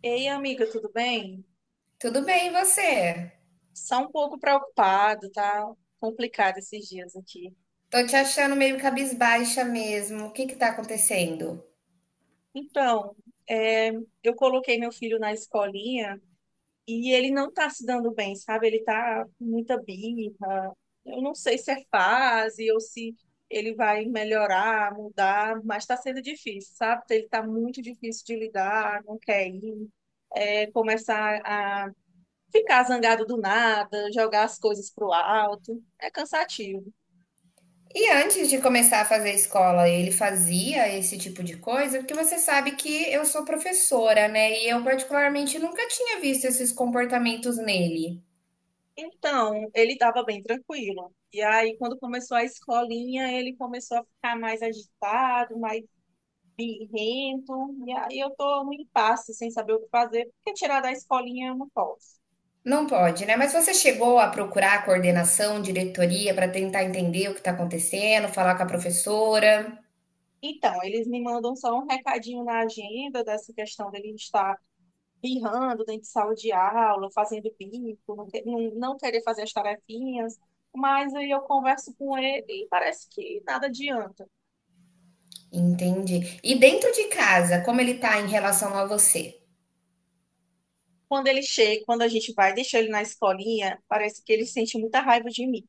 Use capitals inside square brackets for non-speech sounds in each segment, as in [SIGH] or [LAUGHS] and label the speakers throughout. Speaker 1: Ei, amiga, tudo bem?
Speaker 2: Tudo bem, e você?
Speaker 1: Só um pouco preocupado, tá complicado esses dias aqui.
Speaker 2: Tô te achando meio cabisbaixa mesmo. O que que tá acontecendo?
Speaker 1: Então, é, eu coloquei meu filho na escolinha e ele não tá se dando bem, sabe? Ele tá com muita birra. Eu não sei se é fase ou se ele vai melhorar, mudar, mas tá sendo difícil, sabe? Ele tá muito difícil de lidar, não quer ir, começar a ficar zangado do nada, jogar as coisas pro alto. É cansativo.
Speaker 2: E antes de começar a fazer escola, ele fazia esse tipo de coisa? Porque você sabe que eu sou professora, né? E eu particularmente nunca tinha visto esses comportamentos nele.
Speaker 1: Então, ele estava bem tranquilo. E aí, quando começou a escolinha, ele começou a ficar mais agitado, mais birrento. E aí, eu tô no impasse, sem saber o que fazer, porque tirar da escolinha eu não posso.
Speaker 2: Não pode, né? Mas você chegou a procurar a coordenação, diretoria, para tentar entender o que está acontecendo, falar com a professora?
Speaker 1: Então, eles me mandam só um recadinho na agenda dessa questão dele estar birrando dentro de sala de aula, fazendo bico, não, não querer fazer as tarefinhas. Mas aí eu converso com ele e parece que nada adianta.
Speaker 2: Entendi. E dentro de casa, como ele tá em relação a você?
Speaker 1: Quando ele chega, quando a gente vai deixar ele na escolinha, parece que ele sente muita raiva de mim.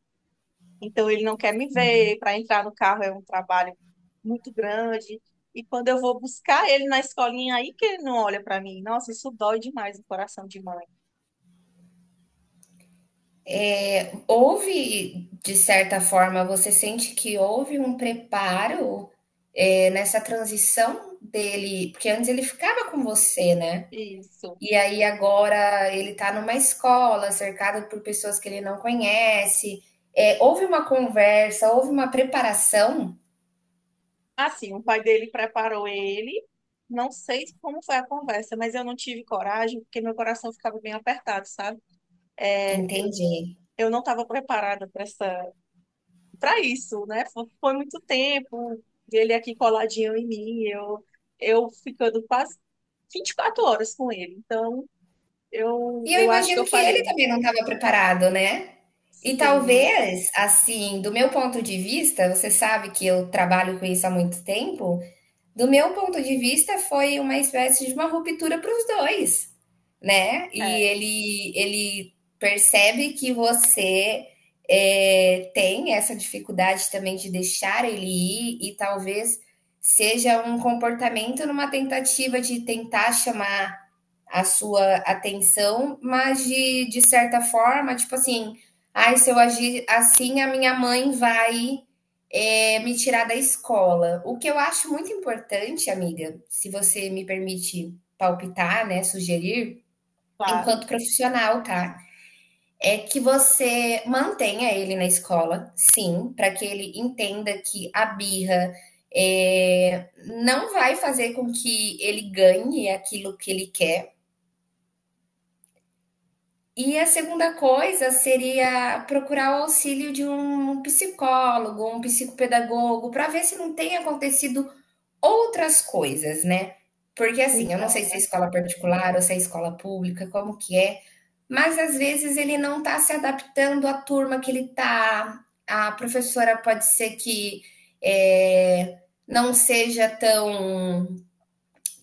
Speaker 1: Então ele não quer me ver, para entrar no carro é um trabalho muito grande. E quando eu vou buscar ele na escolinha, aí que ele não olha para mim. Nossa, isso dói demais no coração de mãe.
Speaker 2: Houve, de certa forma, você sente que houve um preparo, nessa transição dele porque antes ele ficava com você, né,
Speaker 1: Isso.
Speaker 2: e aí agora ele tá numa escola, cercado por pessoas que ele não conhece. Houve uma conversa, houve uma preparação?
Speaker 1: Assim, o pai dele preparou ele. Não sei como foi a conversa, mas eu não tive coragem, porque meu coração ficava bem apertado, sabe?
Speaker 2: Entendi.
Speaker 1: Eu não estava preparada para essa para isso, né? Foi muito tempo, ele aqui coladinho em mim, eu ficando quase 24 horas com ele. Então,
Speaker 2: E eu
Speaker 1: eu acho que
Speaker 2: imagino
Speaker 1: eu
Speaker 2: que ele
Speaker 1: falhei.
Speaker 2: também não estava preparado, né. E
Speaker 1: Sim,
Speaker 2: talvez, assim, do meu ponto de vista, você sabe que eu trabalho com isso há muito tempo, do meu ponto de vista, foi uma espécie de uma ruptura para os dois, né? E
Speaker 1: é,
Speaker 2: ele percebe que você tem essa dificuldade também de deixar ele ir, e talvez seja um comportamento numa tentativa de tentar chamar a sua atenção, mas de certa forma, tipo assim, ai, se eu agir assim, a minha mãe vai me tirar da escola. O que eu acho muito importante, amiga, se você me permite palpitar, né, sugerir,
Speaker 1: claro.
Speaker 2: enquanto profissional, tá? É que você mantenha ele na escola, sim, para que ele entenda que a birra é, não vai fazer com que ele ganhe aquilo que ele quer. E a segunda coisa seria procurar o auxílio de um psicólogo, um psicopedagogo, para ver se não tem acontecido outras coisas, né? Porque assim, eu não sei
Speaker 1: Então,
Speaker 2: se
Speaker 1: é
Speaker 2: é escola
Speaker 1: verdade.
Speaker 2: particular ou se é escola pública, como que é, mas às vezes ele não está se adaptando à turma que ele está. A professora pode ser que eh, não seja tão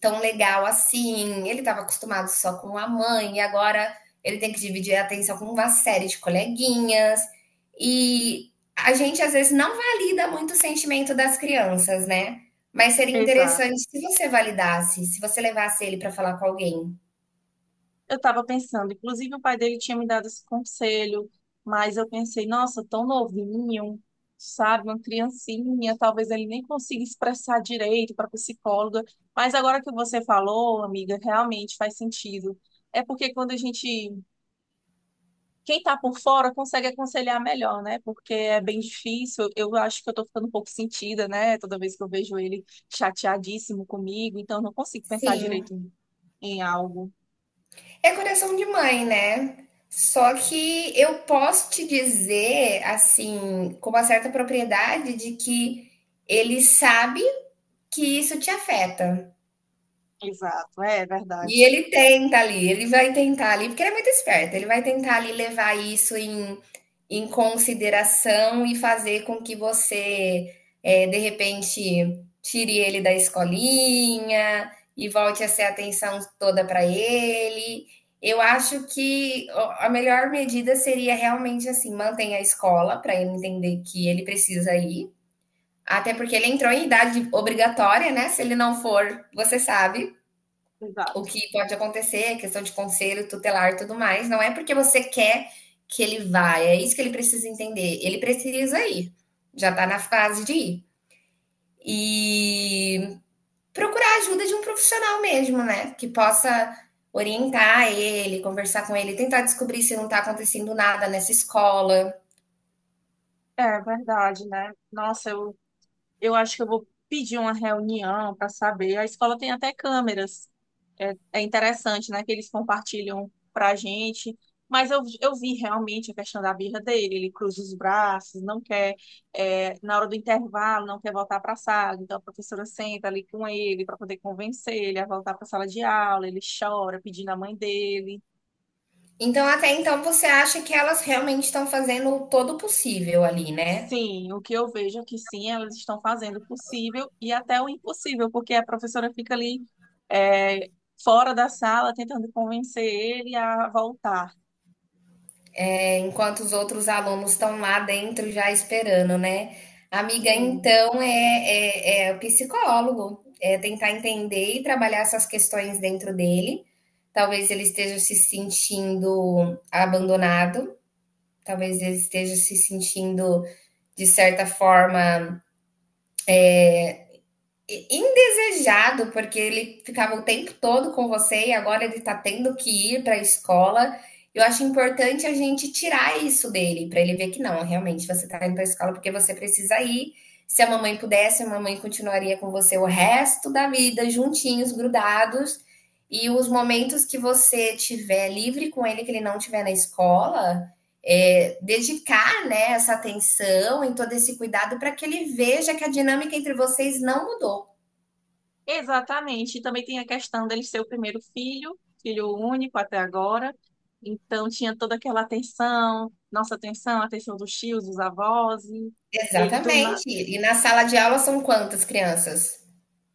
Speaker 2: tão legal assim. Ele estava acostumado só com a mãe e agora ele tem que dividir a atenção com uma série de coleguinhas. E a gente às vezes não valida muito o sentimento das crianças, né? Mas seria
Speaker 1: Exato.
Speaker 2: interessante se você validasse, se você levasse ele para falar com alguém.
Speaker 1: Eu estava pensando, inclusive o pai dele tinha me dado esse conselho, mas eu pensei, nossa, tão novinho, sabe, uma criancinha, talvez ele nem consiga expressar direito para psicóloga. Mas agora que você falou, amiga, realmente faz sentido. É porque quem tá por fora consegue aconselhar melhor, né? Porque é bem difícil. Eu acho que eu tô ficando um pouco sentida, né? Toda vez que eu vejo ele chateadíssimo comigo, então eu não consigo pensar
Speaker 2: Sim,
Speaker 1: direito em algo.
Speaker 2: é coração de mãe, né? Só que eu posso te dizer, assim, com uma certa propriedade de que ele sabe que isso te afeta.
Speaker 1: Exato, é
Speaker 2: E
Speaker 1: verdade.
Speaker 2: ele tenta ali, ele vai tentar ali, porque ele é muito esperto, ele vai tentar ali levar isso em consideração e fazer com que você, de repente, tire ele da escolinha e volte a ser a atenção toda para ele. Eu acho que a melhor medida seria realmente assim, mantenha a escola para ele entender que ele precisa ir, até porque ele entrou em idade obrigatória, né? Se ele não for, você sabe. O
Speaker 1: Exato.
Speaker 2: que pode acontecer, questão de conselho tutelar e tudo mais, não é porque você quer que ele vá, é isso que ele precisa entender. Ele precisa ir, já tá na fase de ir. E procurar a ajuda de um profissional mesmo, né? Que possa orientar ele, conversar com ele, tentar descobrir se não tá acontecendo nada nessa escola.
Speaker 1: É verdade, né? Nossa, eu acho que eu vou pedir uma reunião para saber. A escola tem até câmeras. É, é interessante, né, que eles compartilham para a gente. Mas eu vi realmente a questão da birra dele. Ele cruza os braços, não quer, na hora do intervalo, não quer voltar para a sala. Então a professora senta ali com ele para poder convencer ele a voltar para a sala de aula. Ele chora pedindo a mãe dele.
Speaker 2: Então, até então, você acha que elas realmente estão fazendo todo o possível ali, né?
Speaker 1: Sim, o que eu vejo é que sim, elas estão fazendo o possível e até o impossível, porque a professora fica ali é, fora da sala tentando convencer ele a voltar.
Speaker 2: Enquanto os outros alunos estão lá dentro já esperando, né? Amiga,
Speaker 1: Sim,
Speaker 2: então é o psicólogo, é tentar entender e trabalhar essas questões dentro dele. Talvez ele esteja se sentindo abandonado, talvez ele esteja se sentindo, de certa forma, indesejado, porque ele ficava o tempo todo com você e agora ele tá tendo que ir para a escola. Eu acho importante a gente tirar isso dele, para ele ver que não, realmente você tá indo para a escola porque você precisa ir. Se a mamãe pudesse, a mamãe continuaria com você o resto da vida, juntinhos, grudados. E os momentos que você tiver livre com ele, que ele não tiver na escola, dedicar, né, essa atenção e todo esse cuidado para que ele veja que a dinâmica entre vocês não mudou.
Speaker 1: exatamente. E também tem a questão dele ser o primeiro filho, filho único até agora. Então tinha toda aquela atenção, nossa atenção, a atenção dos tios, dos avós. E ele do na...
Speaker 2: Exatamente. E na sala de aula são quantas crianças?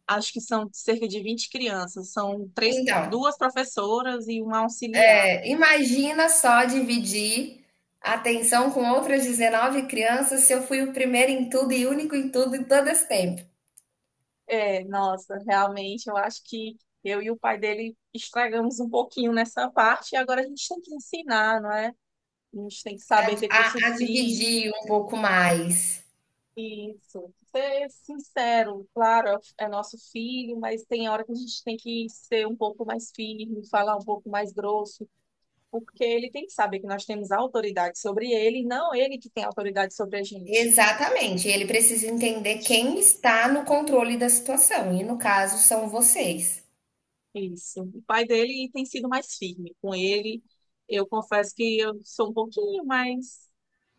Speaker 1: acho que são cerca de 20 crianças, são três,
Speaker 2: Então,
Speaker 1: duas professoras e um auxiliar.
Speaker 2: imagina só dividir a atenção com outras 19 crianças se eu fui o primeiro em tudo e único em tudo em todo esse tempo.
Speaker 1: É, nossa, realmente eu acho que eu e o pai dele estragamos um pouquinho nessa parte e agora a gente tem que ensinar, não é? A gente tem que saber ter curso
Speaker 2: A
Speaker 1: firme,
Speaker 2: dividir um pouco mais.
Speaker 1: isso. Ser sincero, claro, é nosso filho, mas tem hora que a gente tem que ser um pouco mais firme, falar um pouco mais grosso, porque ele tem que saber que nós temos autoridade sobre ele, e não ele que tem autoridade sobre a gente.
Speaker 2: Exatamente. Ele precisa entender quem está no controle da situação. E no caso, são vocês.
Speaker 1: Isso. O pai dele tem sido mais firme com ele. Eu confesso que eu sou um pouquinho mais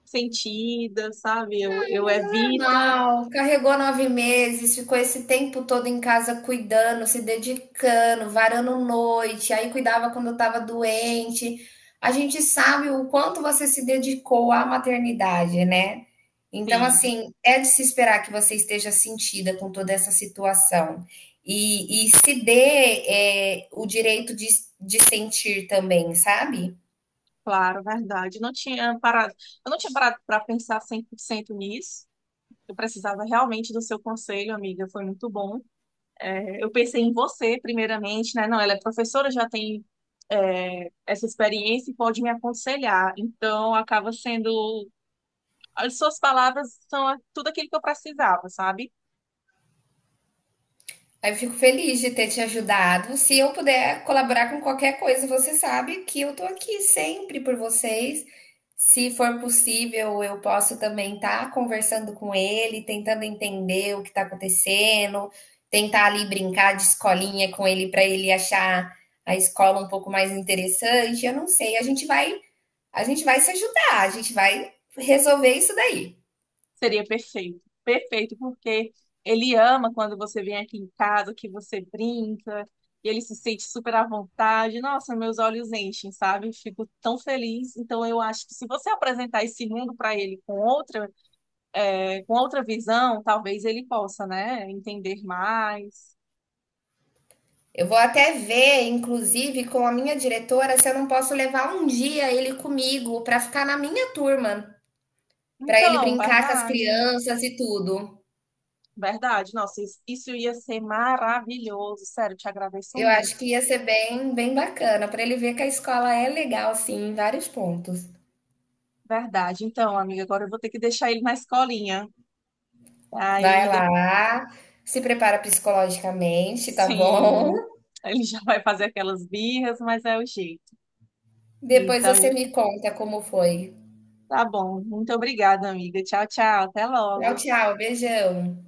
Speaker 1: sentida, sabe? Eu
Speaker 2: Mas é
Speaker 1: evito,
Speaker 2: normal. Carregou 9 meses, ficou esse tempo todo em casa cuidando, se dedicando, varando noite, aí cuidava quando eu tava doente. A gente sabe o quanto você se dedicou à maternidade, né? Então,
Speaker 1: sim,
Speaker 2: assim, é de se esperar que você esteja sentida com toda essa situação. E se dê, o direito de, sentir também, sabe?
Speaker 1: claro, verdade. Não tinha parado, eu não tinha parado para pensar 100% nisso. Eu precisava realmente do seu conselho, amiga. Foi muito bom. É, eu pensei em você, primeiramente, né? Não, ela é professora, já tem, é, essa experiência e pode me aconselhar. Então, acaba sendo as suas palavras são tudo aquilo que eu precisava, sabe?
Speaker 2: Eu fico feliz de ter te ajudado. Se eu puder colaborar com qualquer coisa, você sabe que eu tô aqui sempre por vocês. Se for possível, eu posso também estar conversando com ele, tentando entender o que está acontecendo, tentar ali brincar de escolinha com ele para ele achar a escola um pouco mais interessante. Eu não sei, a gente vai se ajudar, a gente vai resolver isso daí.
Speaker 1: Seria perfeito. Perfeito, porque ele ama quando você vem aqui em casa, que você brinca, e ele se sente super à vontade. Nossa, meus olhos enchem, sabe? Fico tão feliz. Então, eu acho que se você apresentar esse mundo para ele com outra, com outra visão, talvez ele possa, né, entender mais.
Speaker 2: Eu vou até ver, inclusive, com a minha diretora, se eu não posso levar um dia ele comigo para ficar na minha turma, para ele
Speaker 1: Então,
Speaker 2: brincar com as crianças e tudo.
Speaker 1: verdade. Nossa, isso ia ser maravilhoso. Sério, te agradeço
Speaker 2: Eu acho
Speaker 1: muito.
Speaker 2: que ia ser bem, bem bacana, para ele ver que a escola é legal, sim, em vários pontos.
Speaker 1: Verdade. Então, amiga, agora eu vou ter que deixar ele na escolinha.
Speaker 2: Vai
Speaker 1: Aí, de-
Speaker 2: lá, se prepara psicologicamente, tá bom?
Speaker 1: sim, ele já vai fazer aquelas birras, mas é o jeito.
Speaker 2: [LAUGHS] Depois
Speaker 1: Então,
Speaker 2: você me conta como foi.
Speaker 1: tá bom. Muito obrigada, amiga. Tchau, tchau. Até
Speaker 2: Tchau,
Speaker 1: logo.
Speaker 2: tchau, beijão.